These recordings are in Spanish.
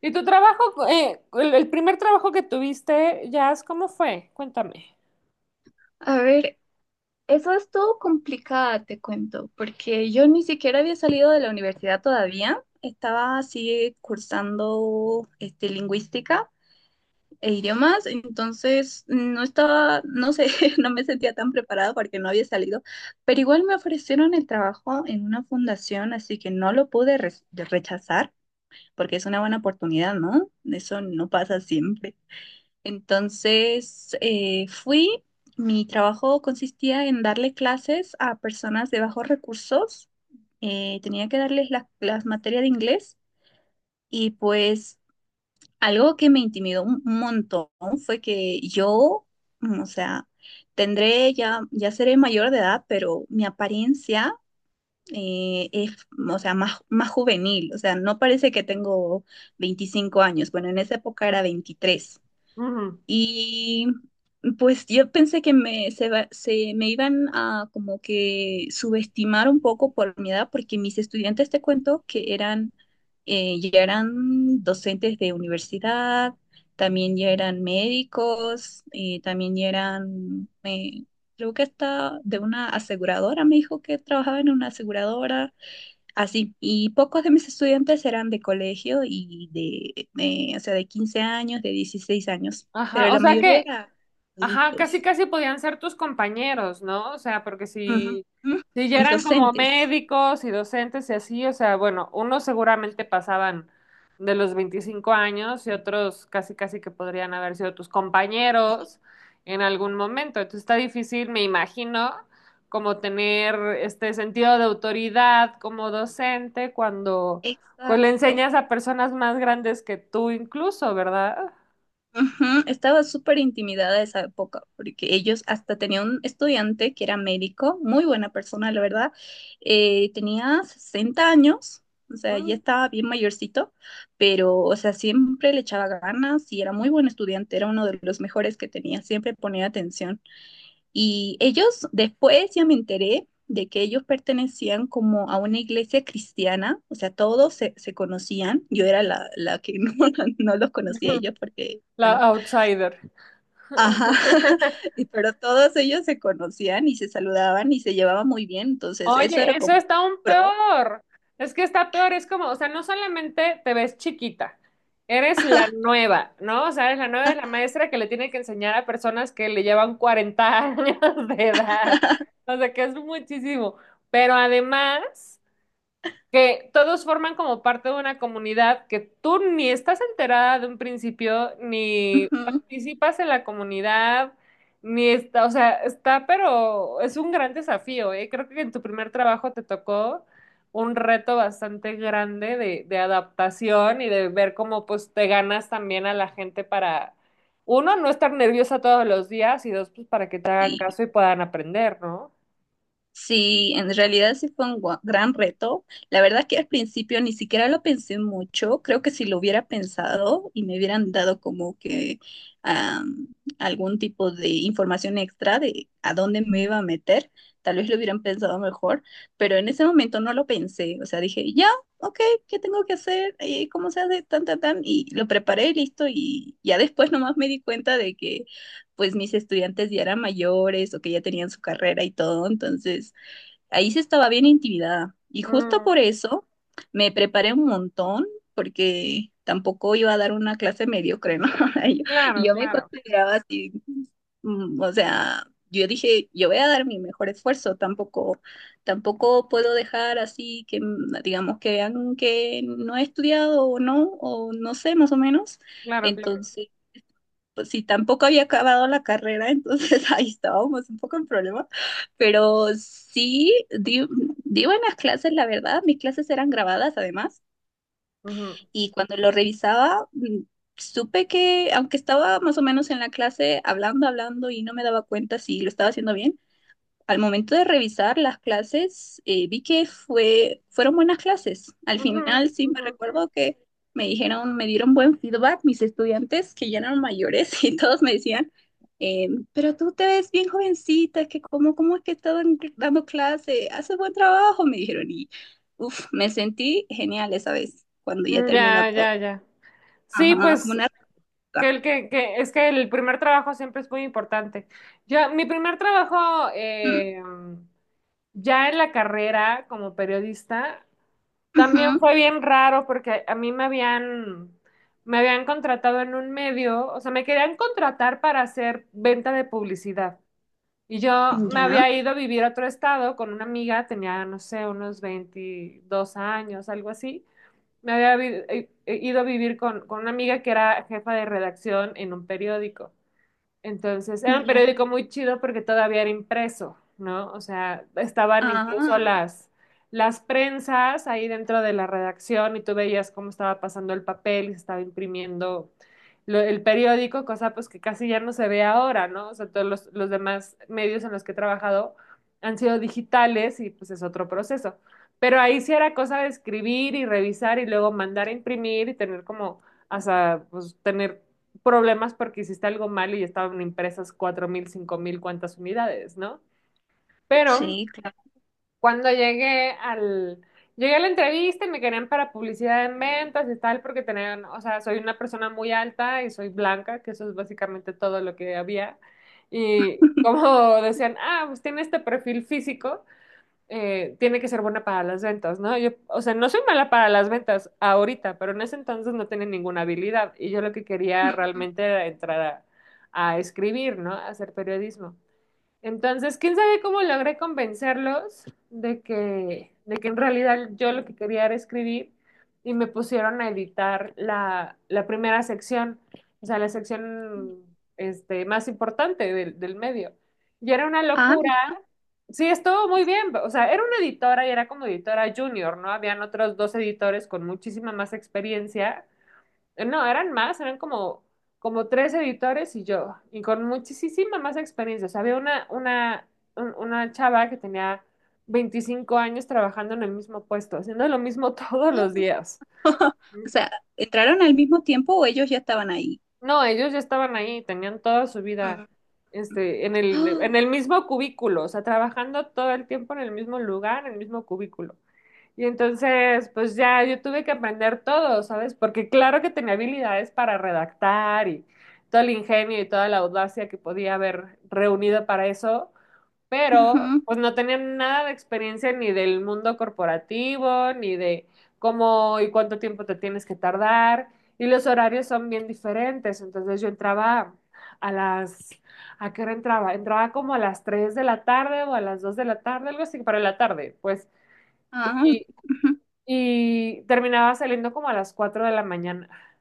¿Y tu trabajo, el primer trabajo que tuviste, Jazz, cómo fue? Cuéntame. A ver, eso es todo complicado, te cuento, porque yo ni siquiera había salido de la universidad todavía. Estaba así cursando lingüística e idiomas, entonces no estaba, no sé, no me sentía tan preparada porque no había salido, pero igual me ofrecieron el trabajo en una fundación, así que no lo pude rechazar porque es una buena oportunidad, ¿no? Eso no pasa siempre. Entonces fui, mi trabajo consistía en darle clases a personas de bajos recursos, tenía que darles las materias de inglés y pues algo que me intimidó un montón fue que yo, mm, o sea, tendré ya, ya seré mayor de edad, pero mi apariencia es, o sea, más, más juvenil, o sea, no parece que tengo 25 años, bueno, en esa época era 23. Ujú. Y pues yo pensé que se me iban a como que subestimar un poco por mi edad, porque mis estudiantes, te cuento, que eran, ya eran docentes de universidad, también ya eran médicos, también ya eran, creo que hasta de una aseguradora, me dijo que trabajaba en una aseguradora. Así, y pocos de mis estudiantes eran de colegio y o sea, de 15 años, de 16 años, Ajá, pero o la sea mayoría que, era ajá, casi adultos. casi podían ser tus compañeros, ¿no? O sea, porque Ujú. si, si ya Mis eran como docentes. médicos y docentes y así, o sea, bueno, unos seguramente pasaban de los 25 años y otros casi casi que podrían haber sido tus compañeros en algún momento. Entonces está difícil, me imagino, como tener este sentido de autoridad como docente cuando pues le Exacto. enseñas a personas más grandes que tú incluso, ¿verdad? Ujú, estaba súper intimidada esa época, porque ellos hasta tenían un estudiante que era médico, muy buena persona, la verdad. Tenía 60 años, o sea, ya Mm. estaba bien mayorcito, pero, o sea, siempre le echaba ganas y era muy buen estudiante, era uno de los mejores que tenía, siempre ponía atención. Y ellos, después ya me enteré de que ellos pertenecían como a una iglesia cristiana, o sea, se conocían, yo era la que no, no los conocía a ellos porque bueno, La outsider. ajá, y pero todos ellos se conocían y se saludaban y se llevaban muy bien, entonces eso era Oye, eso como un está aún pro. peor. Es que está peor, es como, o sea, no solamente te ves chiquita, eres la nueva, ¿no? O sea, eres la nueva, eres la Ajá. maestra que le tiene que enseñar a personas que le llevan 40 años de edad. O sea, que es muchísimo. Pero además, que todos forman como parte de una comunidad que tú ni estás enterada de un principio, ni Ujú. participas en la comunidad, ni está, o sea, está, pero es un gran desafío, ¿eh? Creo que en tu primer trabajo te tocó un reto bastante grande de adaptación y de ver cómo pues te ganas también a la gente para, uno, no estar nerviosa todos los días y dos, pues para que te hagan caso y puedan aprender, ¿no? Sí, en realidad sí fue un gran reto. La verdad que al principio ni siquiera lo pensé mucho. Creo que si lo hubiera pensado y me hubieran dado como que am, algún tipo de información extra de a dónde me iba a meter, tal vez lo hubieran pensado mejor, pero en ese momento no lo pensé. O sea, dije, ya, ok, ¿qué tengo que hacer? ¿Cómo se hace? Tan, tan, tan. Y lo preparé, listo. Y ya después nomás me di cuenta de que pues mis estudiantes ya eran mayores o que ya tenían su carrera y todo. Entonces, ahí sí estaba bien intimidada. Y justo Mm, por eso me preparé un montón, porque tampoco iba a dar una clase mediocre, ¿no? Y Yo, y claro, yo me claro, consideraba así, mm, o sea, yo dije, yo voy a dar mi mejor esfuerzo, tampoco, tampoco puedo dejar así que, digamos, que vean que no he estudiado o no sé, más o menos. claro, claro. Entonces, pues sí, tampoco había acabado la carrera, entonces ahí estábamos un poco en problema, pero sí di, di buenas clases, la verdad, mis clases eran grabadas además, Ujú. y cuando lo revisaba, supe que aunque estaba más o menos en la clase hablando, hablando y no me daba cuenta si lo estaba haciendo bien, al momento de revisar las clases, vi que fueron buenas clases. Al Ujú, final sí me ujú. recuerdo que me dijeron, me dieron buen feedback mis estudiantes que ya eran mayores y todos me decían, eh, pero tú te ves bien jovencita, es que cómo, cómo es que estás dando clase, haces buen trabajo, me dijeron y uf, me sentí genial esa vez cuando ya terminó Ya, todo. ya, ya. Sí, Ajá, como pues una que roca. el que, que es que el primer trabajo siempre es muy importante. Yo, mi primer trabajo Mm, ya en la carrera como periodista también ujú. fue bien raro porque a mí me habían contratado en un medio, o sea, me querían contratar para hacer venta de publicidad. Y yo me Ya, había ido a vivir a otro estado con una amiga, tenía, no sé, unos 22 años, algo así. Ido a vivir con una amiga que era jefa de redacción en un periódico. Entonces, era un ya. periódico muy chido porque todavía era impreso, ¿no? O sea, estaban incluso Ah, las prensas ahí dentro de la redacción y tú veías cómo estaba pasando el papel y se estaba imprimiendo el periódico, cosa pues que casi ya no se ve ahora, ¿no? O sea, todos los demás medios en los que he trabajado han sido digitales y pues es otro proceso. Pero ahí sí era cosa de escribir y revisar y luego mandar a imprimir y tener como hasta pues tener problemas porque hiciste algo mal y estaban impresas 4,000 5,000 cuantas unidades, ¿no? Pero sí, claro. cuando llegué al... Llegué a la entrevista y me querían para publicidad en ventas y tal, porque tenían, o sea, soy una persona muy alta y soy blanca, que eso es básicamente todo lo que había. Y como decían, ah, pues tiene este perfil físico, tiene que ser buena para las ventas, ¿no? Yo, o sea, no soy mala para las ventas ahorita, pero en ese entonces no tenía ninguna habilidad y yo lo que quería Mm, realmente era entrar a escribir, ¿no? A hacer periodismo. Entonces, quién sabe cómo logré convencerlos de que en realidad yo lo que quería era escribir y me pusieron a editar la primera sección, o sea, la mm. sección este, más importante del medio. Y era una Ah, locura. mira. Sí, estuvo muy bien. O sea, era una editora y era como editora junior, ¿no? Habían otros dos editores con muchísima más experiencia. No, eran más, eran como, como tres editores y yo, y con muchísima más experiencia. O sea, había una chava que tenía 25 años trabajando en el mismo puesto, haciendo lo mismo todos los días. O sea, ¿entraron al mismo tiempo o ellos ya estaban ahí? No, ellos ya estaban ahí, tenían toda su vida, Mm. este, en el mismo cubículo, o sea, trabajando todo el tiempo en el mismo lugar, en el mismo cubículo. Y entonces, pues ya yo tuve que aprender todo, ¿sabes? Porque claro que tenía habilidades para redactar y todo el ingenio y toda la audacia que podía haber reunido para eso, pero pues no tenía nada de experiencia ni del mundo corporativo, ni de cómo y cuánto tiempo te tienes que tardar. Y los horarios son bien diferentes. Entonces yo entraba a las... ¿A qué hora entraba? Entraba como a las 3 de la tarde o a las 2 de la tarde, algo así, para la tarde, pues. Ah, ujú, Y ah, ujú. y terminaba saliendo como a las 4 de la mañana.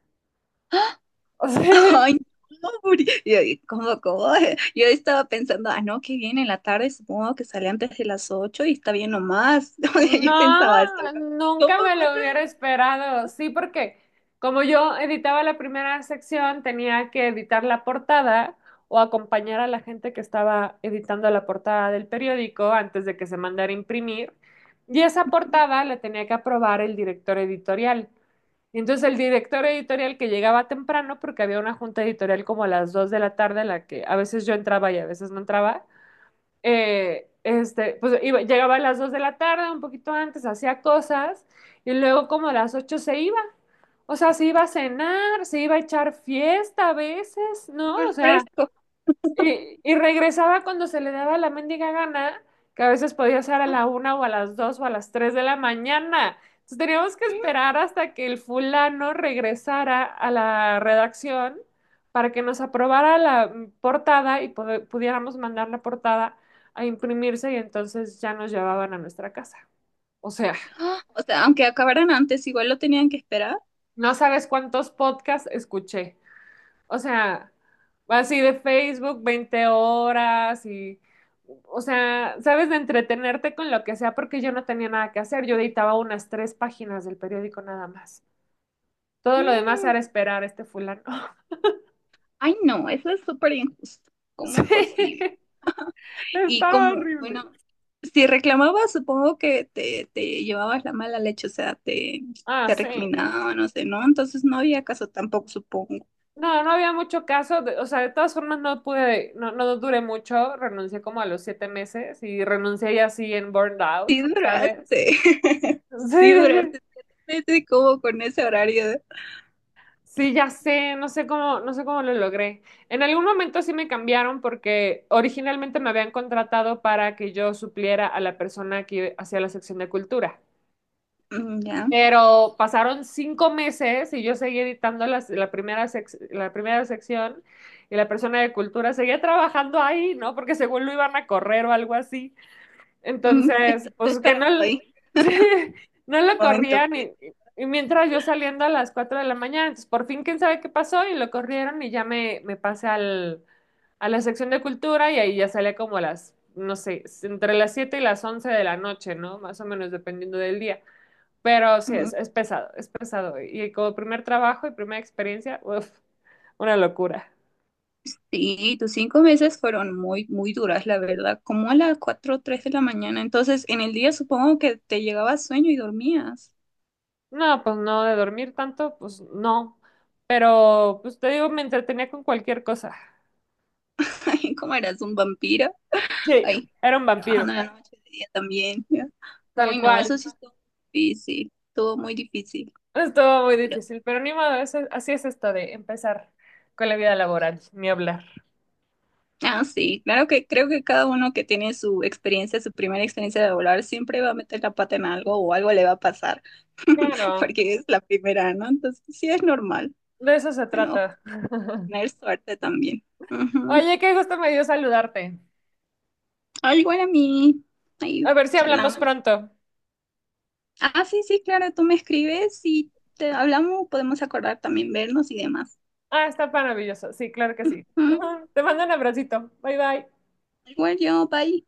O sea, Ay, no, Uri. Yo, y, ¿cómo, cómo? Yo estaba pensando, ah, no, que viene en la tarde, supongo que sale antes de las 8 y está bien nomás. O sea, yo pensaba esto, no, ¿no? nunca ¿Cómo me lo cuatro hubiera esperado. Sí, porque como yo editaba la primera sección, tenía que editar la portada o acompañar a la gente que estaba editando la portada del periódico antes de que se mandara a imprimir. Y esa de- portada la tenía que aprobar el director editorial. Y entonces el director editorial que llegaba temprano, porque había una junta editorial como a las 2 de la tarde, en la que a veces yo entraba y a veces no entraba, este, pues llegaba a las 2 de la tarde, un poquito antes, hacía cosas y luego como a las 8 se iba. O sea, se iba a cenar, se iba a echar fiesta a veces, ¿no? súper O sea, fresco? y regresaba cuando se le daba la mendiga gana, que a veces podía ser a Ah, la una o a las dos o a las 3 de la mañana. Entonces teníamos que mm, esperar hasta que el fulano regresara a la redacción para que nos aprobara la portada y pudiéramos mandar la portada a imprimirse y entonces ya nos llevaban a nuestra casa. O sea, ah. O sea, aunque acabaran antes, igual lo tenían que esperar. no sabes cuántos podcasts escuché. O sea, así de Facebook 20 horas y, o sea, sabes, de entretenerte con lo que sea, porque yo no tenía nada que hacer. Yo editaba unas tres páginas del periódico nada más. Todo lo demás Mm. era esperar a este fulano. Ay, no, eso es súper injusto. Sí, ¿Cómo posible? Y estaba como, horrible. bueno, si reclamabas, supongo que te llevabas la mala leche, o sea, te, Ah, te sí. recriminaban, no sé, ¿no? Entonces no había caso tampoco, supongo. No, no había mucho caso. O sea, de todas formas no pude, no duré mucho. Renuncié como a los 7 meses y renuncié ya así en burned out, Sí ¿sabes? duraste, Sí, sí sí. duraste 7 meses como con ese horario. Sí, ya sé, no sé cómo, no sé cómo lo logré. En algún momento sí me cambiaron porque originalmente me habían contratado para que yo supliera a la persona que hacía la sección de cultura. Ya, Pero pasaron 5 meses y yo seguí editando la primera sección y la persona de cultura seguía trabajando ahí, ¿no? Porque según lo iban a correr o algo así. Entonces, estoy pues que no, esperando l- ahí sí, no lo un momento. corrían Pues. Y mientras yo saliendo a las 4 de la mañana, entonces por fin quién sabe qué pasó y lo corrieron y ya me pasé al, a la sección de cultura y ahí ya salía como a las, no sé, entre las 7 y las 11 de la noche, ¿no? Más o menos dependiendo del día. Pero sí, Mm, es pesado, es pesado. Y como primer trabajo y primera experiencia, uf, una locura. Sí, tus 5 meses fueron muy, muy duras, la verdad, como a las cuatro o 3 de la mañana. Entonces, en el día supongo que te llegaba sueño y dormías. No, pues no, de dormir tanto, pues no. Pero, pues te digo, me entretenía con cualquier cosa. Ay, como eras un vampiro. Sí, Ay, era un vampiro, trabajando en la noche, de día también. Ya. tal Uy, no, cual. eso sí estuvo difícil, estuvo muy difícil. Estuvo muy Pero, difícil, pero ni modo, así es esto de empezar con la vida laboral, ni hablar. ah, sí, claro que creo que cada uno que tiene su experiencia, su primera experiencia de volar, siempre va a meter la pata en algo o algo le va a pasar, Claro, porque es la primera, ¿no? Entonces, sí es normal. de eso se Bueno, trata. tener suerte también. Ujú. Oye, qué gusto me dio saludarte. Ah, igual a mí, ahí A ver si hablamos charlamos. pronto. Ah, sí, sí, claro, tú me escribes y te hablamos, podemos acordar también vernos y demás. Ah, está maravilloso. Sí, claro que sí. Mm, Te mando un abracito. Bye bye. Igual yo, bye.